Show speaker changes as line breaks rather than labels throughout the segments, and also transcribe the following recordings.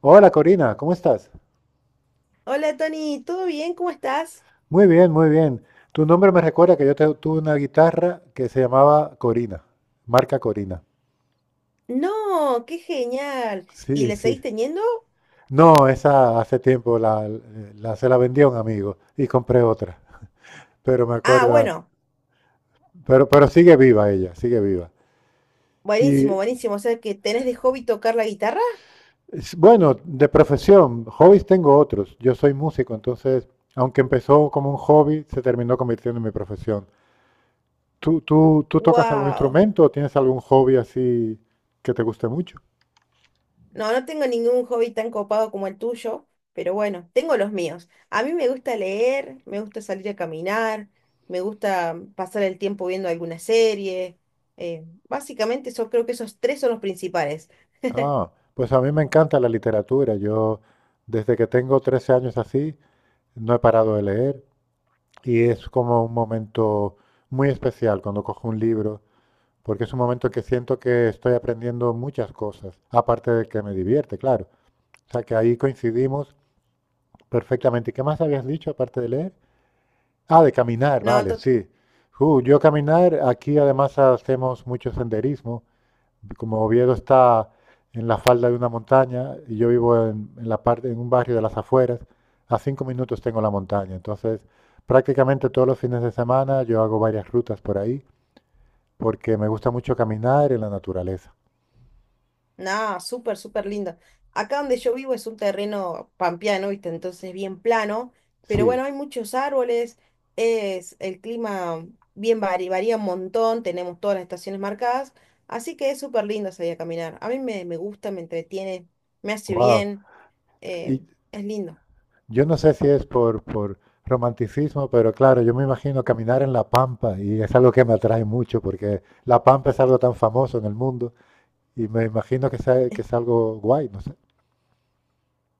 Hola Corina, ¿cómo estás?
Hola Tony, ¿todo bien? ¿Cómo estás?
Muy bien, muy bien. Tu nombre me recuerda que tuve una guitarra que se llamaba Corina, marca Corina.
No, qué genial. ¿Y
Sí,
le
sí.
seguís teniendo?
No, esa hace tiempo se la vendí a un amigo y compré otra. Pero me
Ah,
acuerda,
bueno,
pero sigue viva ella, sigue viva.
buenísimo,
Y
buenísimo. O sea que tenés de hobby tocar la guitarra.
bueno, de profesión, hobbies tengo otros. Yo soy músico, entonces, aunque empezó como un hobby, se terminó convirtiendo en mi profesión. ¿Tú tocas algún
¡Wow!
instrumento o tienes algún hobby así que te guste mucho?
No, no tengo ningún hobby tan copado como el tuyo, pero bueno, tengo los míos. A mí me gusta leer, me gusta salir a caminar, me gusta pasar el tiempo viendo alguna serie. Básicamente, eso, creo que esos tres son los principales.
Ah, pues a mí me encanta la literatura. Yo, desde que tengo 13 años así, no he parado de leer y es como un momento muy especial cuando cojo un libro, porque es un momento que siento que estoy aprendiendo muchas cosas, aparte de que me divierte, claro. O sea que ahí coincidimos perfectamente. ¿Y qué más habías dicho aparte de leer? Ah, de caminar,
No,
vale, sí. Yo caminar, aquí además hacemos mucho senderismo. Como Oviedo está en la falda de una montaña y yo vivo en la parte, en un barrio de las afueras, a 5 minutos tengo la montaña. Entonces, prácticamente todos los fines de semana yo hago varias rutas por ahí porque me gusta mucho caminar en la naturaleza.
no, súper, súper lindo. Acá donde yo vivo es un terreno pampeano, ¿viste? Entonces bien plano, pero
Sí,
bueno, hay muchos árboles, es el clima varía un montón, tenemos todas las estaciones marcadas, así que es súper lindo salir a caminar. A mí me gusta, me entretiene, me hace
wow.
bien, eh, es lindo.
Yo no sé si es por romanticismo, pero claro, yo me imagino caminar en la pampa y es algo que me atrae mucho porque la pampa es algo tan famoso en el mundo y me imagino que es algo guay, no sé.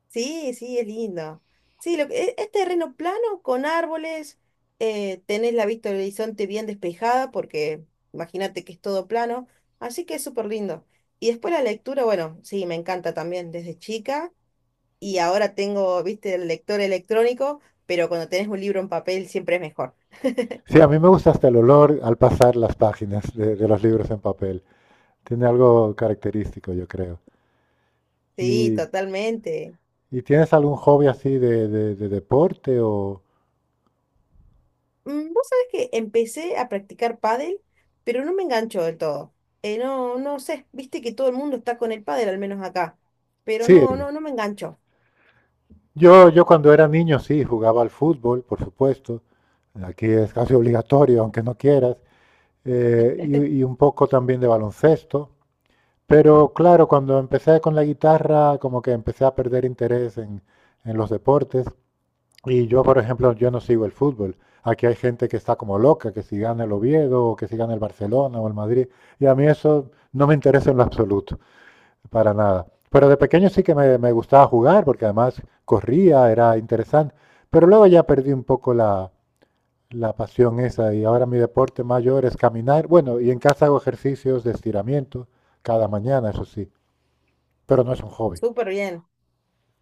Sí, sí, es lindo. Sí, es, terreno plano con árboles, tenés la vista del horizonte bien despejada porque imagínate que es todo plano, así que es súper lindo. Y después la lectura, bueno, sí, me encanta también desde chica y ahora tengo, viste, el lector electrónico, pero cuando tenés un libro en papel siempre es mejor.
Sí, a mí me gusta hasta el olor al pasar las páginas de los libros en papel. Tiene algo característico, yo creo.
Sí,
¿Y,
totalmente.
y tienes algún hobby así de deporte o...?
Vos sabés que empecé a practicar pádel, pero no me enganchó del todo. No, no sé, viste que todo el mundo está con el pádel, al menos acá. Pero
Sí,
no, no, no me enganchó.
yo cuando era niño sí, jugaba al fútbol, por supuesto. Aquí es casi obligatorio, aunque no quieras. Y un poco también de baloncesto. Pero claro, cuando empecé con la guitarra, como que empecé a perder interés en los deportes. Y yo, por ejemplo, yo no sigo el fútbol. Aquí hay gente que está como loca, que si gana el Oviedo, o que si gana el Barcelona o el Madrid. Y a mí eso no me interesa en lo absoluto, para nada. Pero de pequeño sí que me gustaba jugar, porque además corría, era interesante. Pero luego ya perdí un poco la pasión esa. Y ahora mi deporte mayor es caminar. Bueno, y en casa hago ejercicios de estiramiento cada mañana, eso sí. Pero no es un hobby.
Súper bien,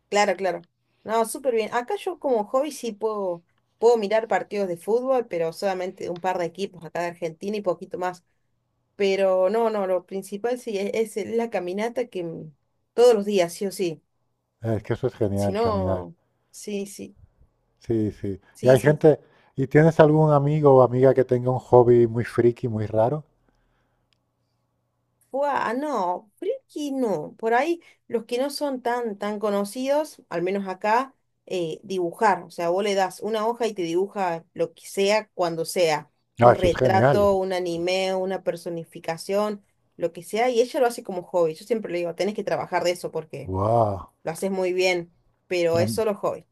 claro, claro. No, súper bien. Acá yo como hobby sí puedo mirar partidos de fútbol, pero solamente un par de equipos acá de Argentina y poquito más. Pero no, no, lo principal sí es la caminata que todos los días, sí o sí.
Es que eso es
Si
genial, caminar.
no, sí, sí,
Sí, sí. Y
sí,
hay
sí.
gente, ¿y tienes algún amigo o amiga que tenga un hobby muy friki, muy raro?
Fua, no, creo que no. Por ahí los que no son tan conocidos, al menos acá, dibujar. O sea, vos le das una hoja y te dibuja lo que sea, cuando sea.
No,
Un
eso es genial.
retrato, un anime, una personificación, lo que sea. Y ella lo hace como hobby. Yo siempre le digo, tenés que trabajar de eso porque
Wow.
lo haces muy bien, pero
A,
es solo hobby.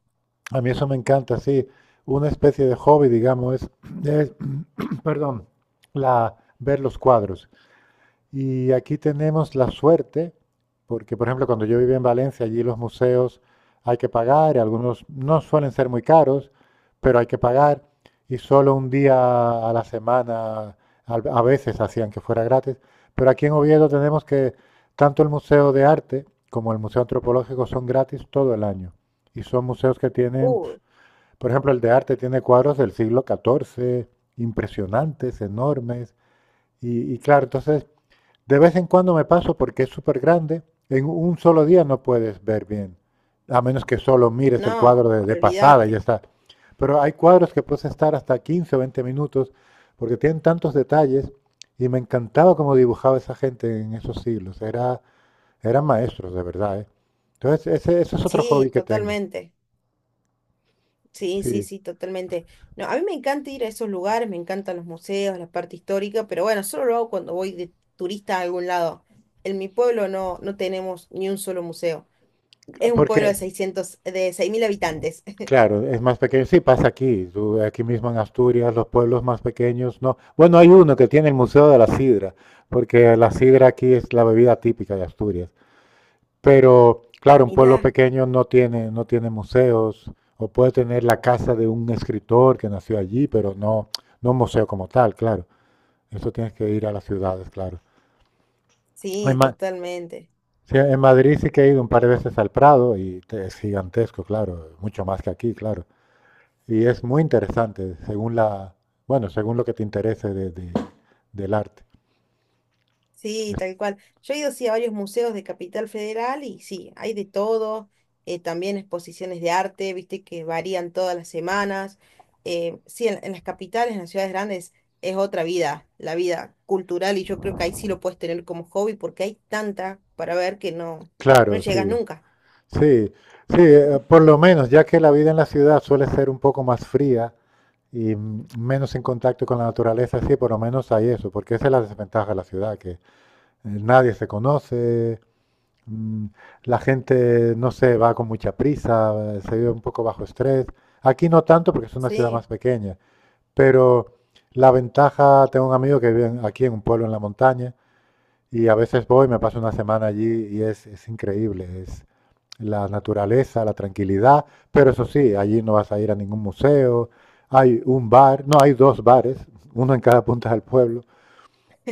a mí eso me encanta, sí. Una especie de hobby, digamos, es, perdón, ver los cuadros. Y aquí tenemos la suerte, porque por ejemplo cuando yo vivía en Valencia, allí los museos hay que pagar, y algunos no suelen ser muy caros, pero hay que pagar, y solo un día a la semana a veces hacían que fuera gratis. Pero aquí en Oviedo tenemos que tanto el Museo de Arte como el Museo Antropológico son gratis todo el año. Y son museos que tienen,
Uy,
por ejemplo, el de arte tiene cuadros del siglo XIV, impresionantes, enormes. Y claro, entonces de vez en cuando me paso porque es súper grande. En un solo día no puedes ver bien, a menos que solo mires el cuadro
no,
de pasada y ya
olvídate.
está. Pero hay cuadros que puedes estar hasta 15 o 20 minutos porque tienen tantos detalles y me encantaba cómo dibujaba esa gente en esos siglos. Era, eran maestros, de verdad, ¿eh? Entonces, ese es otro hobby
Sí,
que tengo.
totalmente. Sí, sí,
Sí,
sí, totalmente. No, a mí me encanta ir a esos lugares, me encantan los museos, la parte histórica, pero bueno, solo lo hago cuando voy de turista a algún lado. En mi pueblo no, no tenemos ni un solo museo. Es un pueblo
porque
de 6000 habitantes.
claro, es más pequeño. Sí, pasa aquí, aquí mismo en Asturias, los pueblos más pequeños, no. Bueno, hay uno que tiene el Museo de la Sidra, porque la sidra aquí es la bebida típica de Asturias. Pero, claro, un pueblo
Mirá,
pequeño no tiene, no tiene museos, o puede tener la casa de un escritor que nació allí, pero no, no un museo como tal, claro. Eso tienes que ir a las ciudades, claro. En,
sí,
Ma-
totalmente.
sí, en Madrid sí que he ido un par de veces al Prado es gigantesco, claro, mucho más que aquí, claro. Y es muy interesante, según bueno, según lo que te interese del arte.
Sí, tal cual. Yo he ido sí a varios museos de Capital Federal y sí, hay de todo, también exposiciones de arte, viste que varían todas las semanas. Sí, en las capitales, en las ciudades grandes, es otra vida, la vida cultural, y yo creo que ahí sí lo puedes tener como hobby porque hay tanta para ver que no, no
Claro,
llegas
sí,
nunca.
sí, sí, por lo menos, ya que la vida en la ciudad suele ser un poco más fría y menos en contacto con la naturaleza, sí, por lo menos hay eso, porque esa es la desventaja de la ciudad, que nadie se conoce, mm, la gente, no sé, va con mucha prisa, se vive un poco bajo estrés. Aquí no tanto porque es una ciudad
Sí.
más pequeña. Pero la ventaja, tengo un amigo que vive aquí en un pueblo en la montaña y a veces voy, me paso una semana allí y es increíble. Es la naturaleza, la tranquilidad, pero eso sí, allí no vas a ir a ningún museo. Hay un bar, no, hay dos bares, uno en cada punta del pueblo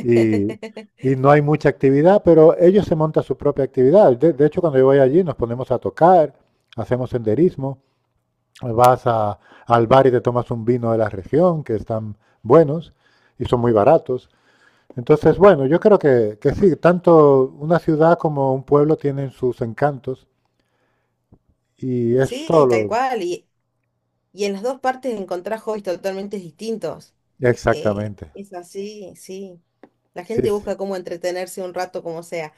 y, y no hay mucha actividad, pero ellos se montan su propia actividad. De hecho, cuando yo voy allí nos ponemos a tocar, hacemos senderismo. Vas a- Al bar y te tomas un vino de la región, que están buenos y son muy baratos. Entonces, bueno, yo creo que sí, tanto una ciudad como un pueblo tienen sus encantos y es
Sí, tal
solo...
cual. Y en las dos partes encontrás hobbies totalmente distintos.
Exactamente,
Es así, sí. La
sí,
gente
sí.
busca cómo entretenerse un rato como sea.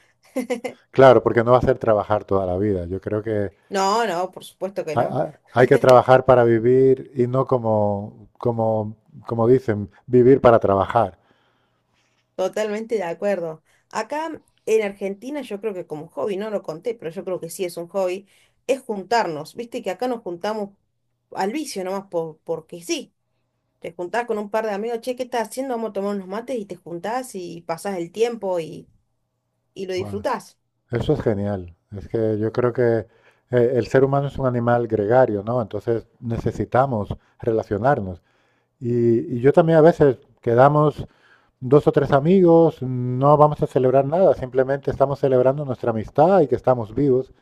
Claro, porque no va a ser trabajar toda la vida. Yo creo que
No, no, por supuesto que no.
hay que trabajar para vivir y no como dicen, vivir para trabajar.
Totalmente de acuerdo. Acá en Argentina yo creo que como hobby, no lo conté, pero yo creo que sí es un hobby, es juntarnos. Viste que acá nos juntamos al vicio nomás porque sí. Te juntás con un par de amigos, che, ¿qué estás haciendo? Vamos a tomar unos mates y te juntás y pasás el tiempo y lo
Bueno,
disfrutás.
eso es genial. Es que yo creo que el ser humano es un animal gregario, ¿no? Entonces necesitamos relacionarnos. Y yo también a veces quedamos 2 o 3 amigos, no vamos a celebrar nada, simplemente estamos celebrando nuestra amistad y que estamos vivos.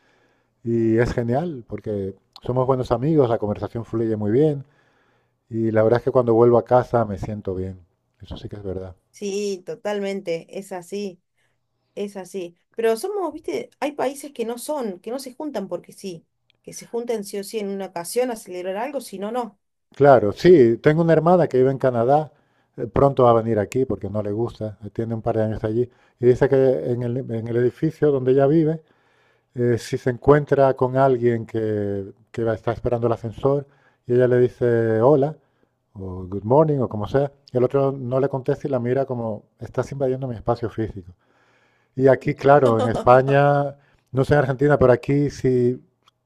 Y es genial porque somos buenos amigos, la conversación fluye muy bien y la verdad es que cuando vuelvo a casa me siento bien. Eso sí que es verdad.
Sí, totalmente, es así. Es así. Pero somos, viste, hay países que no son, que no se juntan porque sí, que se juntan sí o sí en una ocasión a celebrar algo, si no, no.
Claro, sí, tengo una hermana que vive en Canadá, pronto va a venir aquí porque no le gusta, tiene un par de años allí, y dice que en el edificio donde ella vive, si se encuentra con alguien que está esperando el ascensor y ella le dice hola, o good morning, o como sea, y el otro no le contesta y la mira como, estás invadiendo mi espacio físico. Y aquí, claro, en España, no sé en Argentina, pero aquí si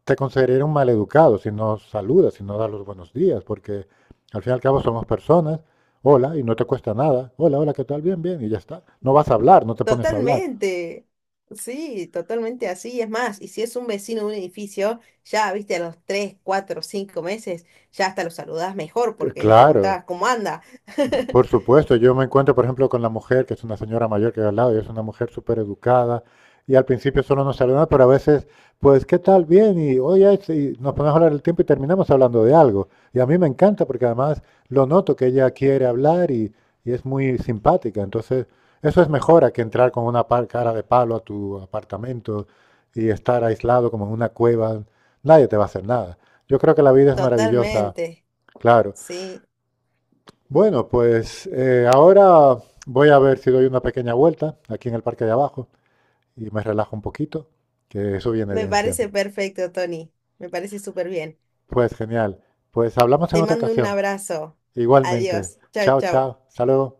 te consideraría un maleducado si no saludas, si no das los buenos días, porque al fin y al cabo somos personas, hola, y no te cuesta nada, hola, hola, ¿qué tal? Bien, bien, y ya está. No vas a hablar, no te pones a hablar.
Totalmente. Sí, totalmente así. Es más, y si es un vecino de un edificio, ya, viste, a los 3, 4, 5 meses, ya hasta lo saludás mejor porque le
Claro,
preguntabas cómo anda.
por supuesto, yo me encuentro, por ejemplo, con la mujer, que es una señora mayor que hay al lado, y es una mujer súper educada, y al principio solo nos saluda, pero a veces, pues, ¿qué tal? Bien, y oye, y nos ponemos a hablar el tiempo y terminamos hablando de algo. Y a mí me encanta porque además lo noto que ella quiere hablar y es muy simpática. Entonces, eso es mejor a que entrar con una cara de palo a tu apartamento y estar aislado como en una cueva. Nadie te va a hacer nada. Yo creo que la vida es maravillosa,
Totalmente.
claro,
Sí,
bueno, pues ahora voy a ver si doy una pequeña vuelta aquí en el parque de abajo y me relajo un poquito, que eso viene
me
bien siempre.
parece perfecto, Tony. Me parece súper bien.
Pues genial. Pues hablamos en
Te
otra
mando un
ocasión.
abrazo.
Igualmente.
Adiós. Chao,
Chao,
chao.
chao. Hasta luego.